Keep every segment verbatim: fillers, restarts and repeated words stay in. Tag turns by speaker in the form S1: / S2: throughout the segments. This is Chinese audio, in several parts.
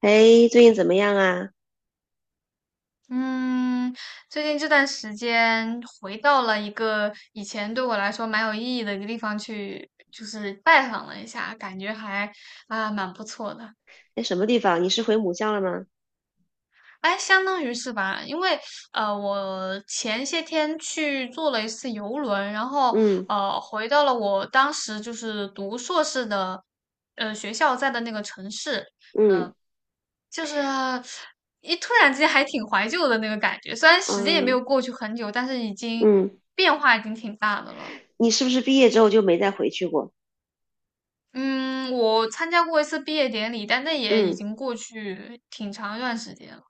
S1: 哎，最近怎么样啊？
S2: 嗯，最近这段时间回到了一个以前对我来说蛮有意义的一个地方去，就是拜访了一下，感觉还啊、蛮不错的。
S1: 在什么地方？你是回母校了吗？
S2: 哎，相当于是吧，因为呃，我前些天去坐了一次游轮，然后
S1: 嗯
S2: 呃，回到了我当时就是读硕士的呃学校在的那个城市，
S1: 嗯
S2: 就是一突然之间还挺怀旧的那个感觉，虽然时间也没
S1: 嗯
S2: 有过去很久，但是已经
S1: 嗯，
S2: 变化已经挺大的了。
S1: 你是不是毕业之后就没再回去过？
S2: 嗯，我参加过一次毕业典礼，但那也已
S1: 嗯。
S2: 经过去挺长一段时间了。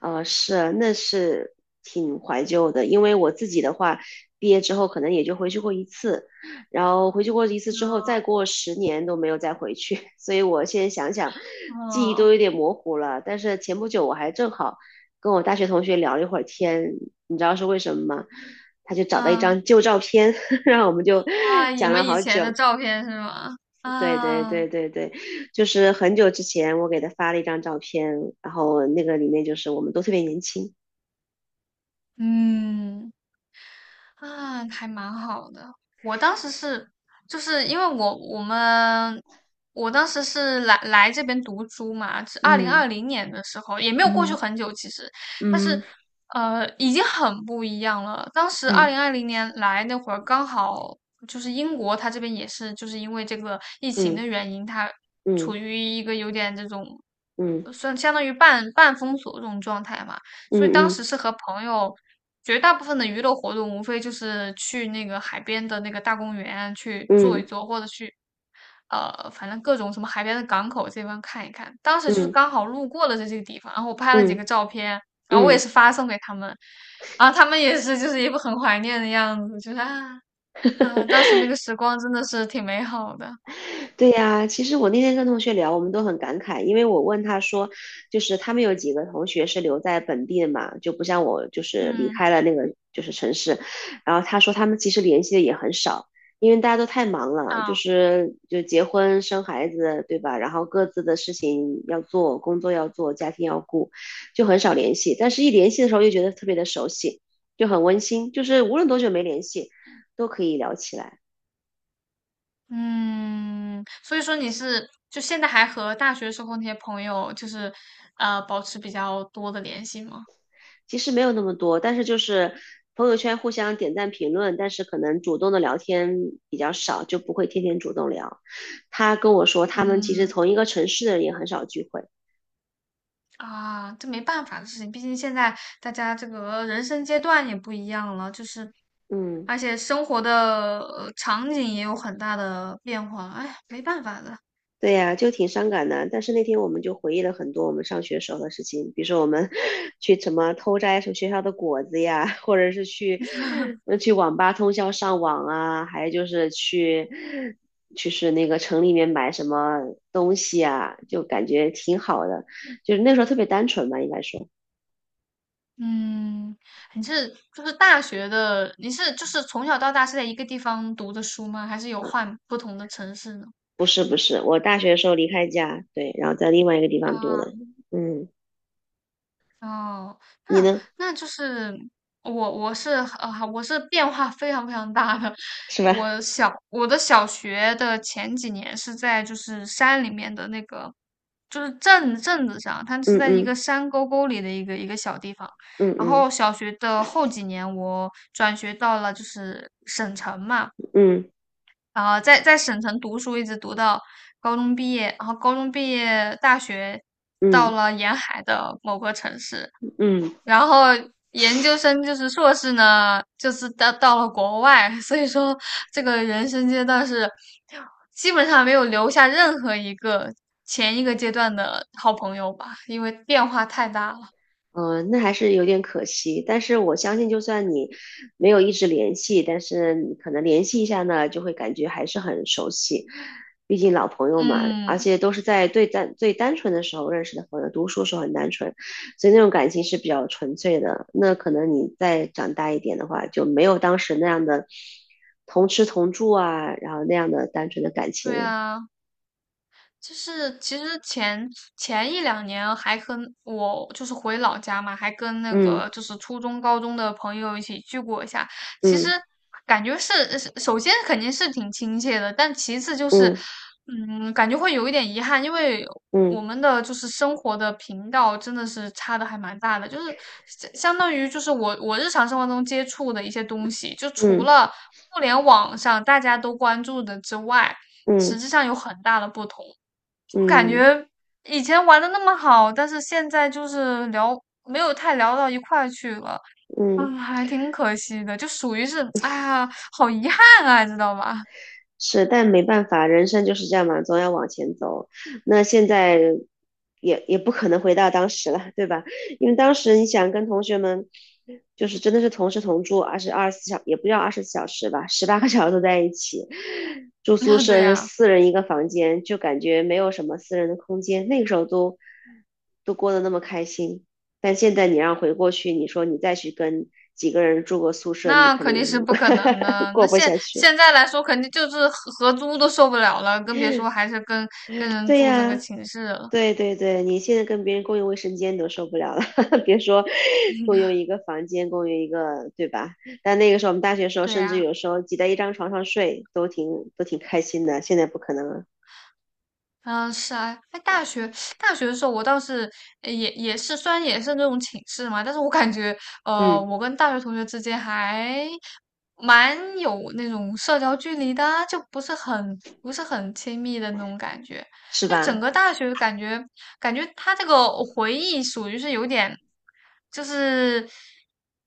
S1: 呃，是，那是挺怀旧的，因为我自己的话，毕业之后可能也就回去过一次，然后回去过一次之后，再过十年都没有再回去，所以我现在想想，记忆都
S2: 嗯
S1: 有点模糊了。但是前不久我还正好跟我大学同学聊了一会儿天，你知道是为什么吗？他就找到一
S2: 嗯。
S1: 张旧照片，然后我们就
S2: 啊，你
S1: 讲了
S2: 们以
S1: 好
S2: 前的
S1: 久。
S2: 照片是吗？
S1: 对对
S2: 啊。
S1: 对对对，就是很久之前我给他发了一张照片，然后那个里面就是我们都特别年轻。
S2: 嗯。啊，还蛮好的。我当时是，就是因为我我们我当时是来来这边读书嘛，是二零
S1: 嗯
S2: 二零年的时候，也没有过去
S1: 嗯
S2: 很久其实，但是
S1: 嗯
S2: 呃，已经很不一样了。当时二
S1: 嗯
S2: 零二零年来那会儿，刚好就是英国，它这边也是就是因为这个疫情的
S1: 嗯
S2: 原因，它
S1: 嗯
S2: 处
S1: 嗯
S2: 于一个有点这种。
S1: 嗯
S2: 算相当于半半封锁这种状态嘛，
S1: 嗯
S2: 所以当时
S1: 嗯
S2: 是和朋友，绝大部分的娱乐活动无非就是去那个海边的那个大公园去坐一
S1: 嗯
S2: 坐，或者去呃，反正各种什么海边的港口这边看一看。当时
S1: 嗯
S2: 就是
S1: 嗯
S2: 刚好路过了这些地方，然后我拍了几
S1: 嗯
S2: 个照片，然后我也
S1: 嗯。
S2: 是发送给他们，然后他们也是就是一副很怀念的样子，就是啊啊，当时那个时光真的是挺美好的。
S1: 对呀，其实我那天跟同学聊，我们都很感慨，因为我问他说，就是他们有几个同学是留在本地的嘛，就不像我，就是离
S2: 嗯。
S1: 开了那个就是城市，然后他说他们其实联系的也很少，因为大家都太忙了，就
S2: 啊。
S1: 是就结婚生孩子，对吧？然后各自的事情要做，工作要做，家庭要顾，就很少联系。但是一联系的时候又觉得特别的熟悉，就很温馨，就是无论多久没联系，都可以聊起来。
S2: 嗯，所以说你是就现在还和大学时候那些朋友，就是呃保持比较多的联系吗？
S1: 其实没有那么多，但是就是朋友圈互相点赞评论，但是可能主动的聊天比较少，就不会天天主动聊。他跟我说，他们其实
S2: 嗯。
S1: 同一个城市的人也很少聚会。
S2: 啊，这没办法的事情，毕竟现在大家这个人生阶段也不一样了，就是
S1: 嗯。
S2: 而且生活的呃场景也有很大的变化，哎，没办法的。
S1: 对呀，就挺伤感的。但是那天我们就回忆了很多我们上学时候的事情，比如说我们 去什么偷摘什么学校的果子呀，或者是去呃去网吧通宵上网啊，还有就是去就是那个城里面买什么东西啊，就感觉挺好的。就是那时候特别单纯吧，应该说
S2: 嗯，你是就是大学的，你是就是从小到大是在一个地方读的书吗？还是有
S1: 啊，
S2: 换不同的城市呢？
S1: 不是不是，我大学的时候离开家，对，然后在另外一个地方读的。
S2: 啊。
S1: 嗯，
S2: 哦，
S1: 你
S2: 那
S1: 呢？
S2: 那就是我我是啊、我是变化非常非常大的。
S1: 是吧？
S2: 我小我的小学的前几年是在就是山里面的那个，就是镇镇子上，它是
S1: 嗯
S2: 在一个
S1: 嗯
S2: 山沟沟里的一个一个小地方。
S1: 嗯
S2: 然
S1: 嗯
S2: 后小学的后几年，我转学到了就是省城嘛，
S1: 嗯嗯
S2: 啊、在在省城读书，一直读到高中毕业，然后高中毕业，大学
S1: 嗯。
S2: 到
S1: 嗯
S2: 了沿海的某个城市。
S1: 嗯
S2: 然后研究生就是硕士呢，就是到到了国外，所以说这个人生阶段是基本上没有留下任何一个前一个阶段的好朋友吧，因为变化太大了。
S1: 嗯，呃那还是有点可惜，但是我相信，就算你没有一直联系，但是你可能联系一下呢，就会感觉还是很熟悉，毕竟老朋友嘛，而
S2: 嗯，
S1: 且都是在最单最单纯的时候认识的朋友，读书时候很单纯，所以那种感情是比较纯粹的。那可能你再长大一点的话，就没有当时那样的同吃同住啊，然后那样的单纯的感情
S2: 对
S1: 了。
S2: 啊。就是其实前前一两年还跟我就是回老家嘛，还跟那
S1: 嗯
S2: 个就是初中、高中的朋友一起聚过一下。其实
S1: 嗯
S2: 感觉是，是首先肯定是挺亲切的，但其次就是，
S1: 嗯
S2: 嗯，感觉会有一点遗憾，因为我
S1: 嗯
S2: 们的就是生活的频道真的是差的还蛮大的，就是相相当于就是我我日常生活中接触的一些东西，就除
S1: 嗯
S2: 了互联网上大家都关注的之外，实
S1: 嗯
S2: 际上有很大的不同。我感
S1: 嗯嗯
S2: 觉以前玩的那么好，但是现在就是聊没有太聊到一块儿去了，
S1: 嗯。
S2: 嗯，还挺可惜的，就属于是，哎呀，好遗憾啊，知道吧？
S1: 是，但没办法，人生就是这样嘛，总要往前走。那现在也也不可能回到当时了，对吧？因为当时你想跟同学们，就是真的是同吃同住，二十二十四小也不叫二十四小时吧，十八个小时都在一起，住宿
S2: 那对
S1: 舍是
S2: 呀，
S1: 四人一个房间，就感觉没有什么私人的空间。那个时候都都过得那么开心，但现在你让回过去，你说你再去跟几个人住个宿舍，你
S2: 那
S1: 肯
S2: 肯
S1: 定
S2: 定是不可能 的。
S1: 过
S2: 那
S1: 不
S2: 现
S1: 下去。
S2: 现在来说，肯定就是合合租都受不了了，更别说还是跟跟人
S1: 对
S2: 住这个
S1: 呀。
S2: 寝室了。
S1: 对对对，你现在跟别人共用卫生间都受不了了，别说共用一个房间，共用一个，对吧？但那个时候我们大学的时候，
S2: 对
S1: 甚至
S2: 呀。
S1: 有时候挤在一张床上睡，都挺都挺开心的。现在不可能了，
S2: 嗯，是啊，在大学大学的时候，我倒是呃也也是，虽然也是那种寝室嘛，但是我感觉，呃，
S1: 嗯，
S2: 我跟大学同学之间还蛮有那种社交距离的啊，就不是很不是很亲密的那种感觉。
S1: 是
S2: 就整
S1: 吧？
S2: 个大学感觉，感觉他这个回忆属于是有点，就是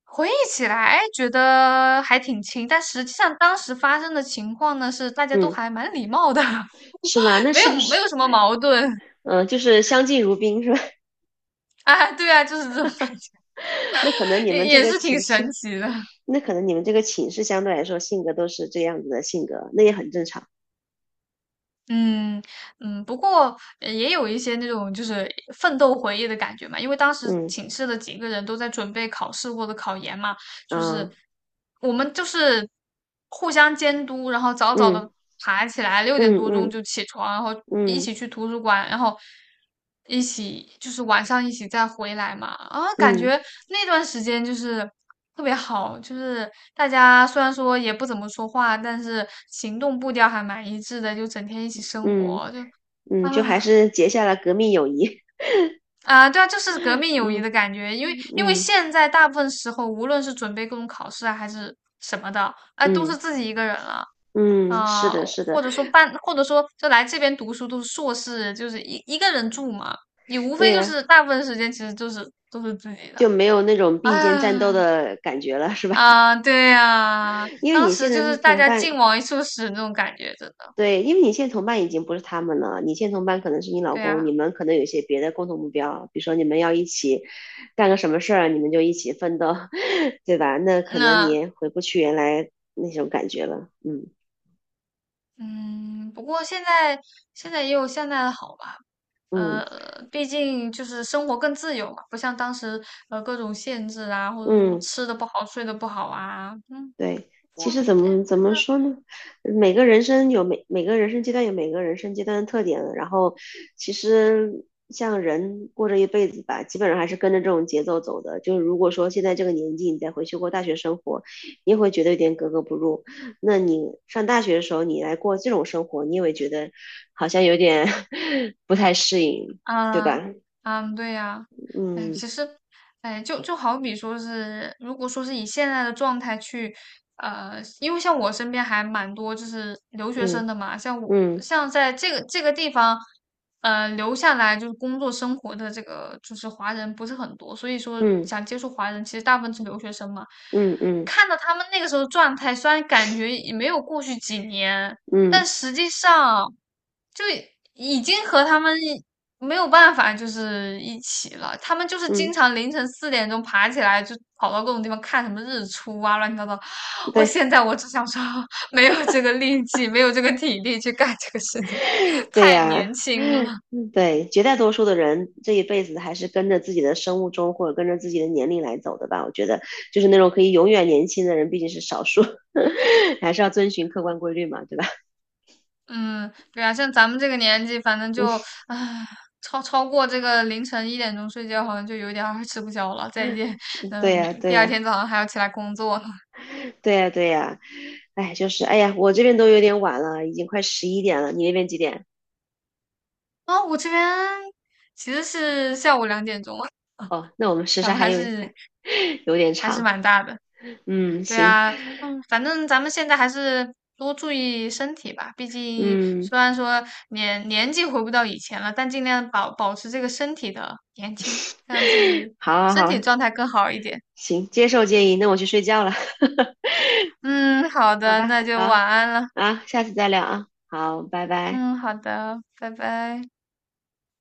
S2: 回忆起来觉得还挺亲，但实际上当时发生的情况呢，是大家都
S1: 嗯，
S2: 还蛮礼貌的。
S1: 是吧？那
S2: 没
S1: 是
S2: 有
S1: 不
S2: 没
S1: 是，
S2: 有什么矛盾
S1: 嗯、就是相敬如宾是吧？
S2: 啊，对啊，就是这种感觉，
S1: 那可能你
S2: 也
S1: 们这
S2: 也
S1: 个
S2: 是挺
S1: 寝
S2: 神
S1: 室，
S2: 奇的。
S1: 那可能你们这个寝室相对来说性格都是这样子的性格，那也很正常。
S2: 嗯。嗯，不过呃也有一些那种就是奋斗回忆的感觉嘛，因为当时
S1: 嗯
S2: 寝室的几个人都在准备考试或者考研嘛，就是
S1: 啊，
S2: 我们就是互相监督，然后早早的爬起来，六点
S1: 嗯
S2: 多钟
S1: 嗯
S2: 就起床，然后一
S1: 嗯
S2: 起去图书馆，然后一起就是晚上一起再回来嘛。啊，感
S1: 嗯嗯嗯嗯。
S2: 觉
S1: 嗯
S2: 那段时间就是特别好，就是大家虽然说也不怎么说话，但是行动步调还蛮一致的，就整天一起生
S1: 嗯
S2: 活，就
S1: 嗯，就还
S2: 啊。
S1: 是结下了革命友谊。
S2: 啊，对啊，就是革 命友谊
S1: 嗯
S2: 的感觉，因为因为
S1: 嗯
S2: 现在大部分时候，无论是准备各种考试啊，还是什么的，哎，都
S1: 嗯
S2: 是自己一个人了，
S1: 嗯，是
S2: 啊、
S1: 的，是的，
S2: 或者说办，或者说就来这边读书都是硕士，就是一一个人住嘛，你无
S1: 对
S2: 非就
S1: 呀、
S2: 是大部分时间其实就是都是自己的。
S1: 就没有那种
S2: 啊，
S1: 并肩战斗的感觉了，是吧？
S2: 啊，对呀、
S1: 因为
S2: 当
S1: 你
S2: 时
S1: 现
S2: 就
S1: 在
S2: 是大
S1: 同
S2: 家劲
S1: 伴，
S2: 往一处使那种感觉，真的，
S1: 对，因为你现在同伴已经不是他们了，你现在同伴可能是你老
S2: 对
S1: 公，
S2: 呀、
S1: 你们可能有一些别的共同目标，比如说你们要一起干个什么事儿，你们就一起奋斗，对吧？那可能你
S2: 那
S1: 也回不去原来那种感觉了。嗯
S2: 嗯，不过现在现在也有现在的好吧。
S1: 嗯
S2: 呃，毕竟就是生活更自由嘛，不像当时呃各种限制啊，或者什么
S1: 嗯。
S2: 吃的不好、睡的不好啊，嗯，
S1: 对，
S2: 不
S1: 其
S2: 过
S1: 实怎
S2: 哎，
S1: 么怎
S2: 反
S1: 么
S2: 正
S1: 说呢？每个人生有每每个人生阶段有每个人生阶段的特点，然后其实像人过这一辈子吧，基本上还是跟着这种节奏走的。就是如果说现在这个年纪你再回去过大学生活，你也会觉得有点格格不入。那你上大学的时候你来过这种生活，你也会觉得好像有点 不太适应，对
S2: 啊，
S1: 吧？
S2: 嗯，对呀，哎，
S1: 嗯
S2: 其实，哎，就就好比说是，如果说是以现在的状态去，呃，因为像我身边还蛮多就是留学
S1: 嗯
S2: 生的嘛，像我
S1: 嗯
S2: 像在这个这个地方，呃，留下来就是工作生活的这个就是华人不是很多，所以说
S1: 嗯
S2: 想接触华人，其实大部分是留学生嘛。
S1: 嗯嗯
S2: 看到他们那个时候状态，虽然感觉也没有过去几年，
S1: 嗯
S2: 但
S1: 嗯
S2: 实际上就已经和他们。没有办法，就是一起了。他们就是经
S1: 嗯，
S2: 常凌晨四点钟爬起来，就跑到各种地方看什么日出啊，乱七八糟。我
S1: 对。
S2: 现在我只想说，没有这个力气，没有这个体力去干这个事情，
S1: 对
S2: 太年
S1: 呀，
S2: 轻
S1: 嗯
S2: 了。
S1: 对，绝大多数的人这一辈子还是跟着自己的生物钟或者跟着自己的年龄来走的吧。我觉得，就是那种可以永远年轻的人毕竟是少数，还是要遵循客观规律嘛，对吧？
S2: 嗯，对啊，像咱们这个年纪，反正就唉，超超过这个凌晨一点钟睡觉，好像就有点儿吃不消了。再见，嗯，
S1: 对呀，
S2: 明
S1: 对
S2: 第二
S1: 呀，
S2: 天早上还要起来工作呢。
S1: 对呀，对呀。哎，就是哎呀，我这边都有点晚了，已经快十一点了。你那边几点？
S2: 啊、我这边其实是下午两点钟。
S1: 哦，那我们时
S2: 咱
S1: 差
S2: 们
S1: 还
S2: 还
S1: 有还
S2: 是
S1: 有点
S2: 还是
S1: 长。
S2: 蛮大的。
S1: 嗯，
S2: 对
S1: 行，
S2: 啊，嗯，反正咱们现在还是多注意身体吧。毕竟
S1: 嗯，
S2: 虽然说年年纪回不到以前了，但尽量保保持这个身体的年轻，让自 己
S1: 好，
S2: 身
S1: 好，
S2: 体
S1: 好，
S2: 状态更好一点。
S1: 行，接受建议。那我去睡觉了。
S2: 嗯，好
S1: 好
S2: 的，
S1: 吧，
S2: 那就
S1: 好。
S2: 晚安了。
S1: 啊，下次再聊啊，好，拜拜。
S2: 嗯，好的，拜拜。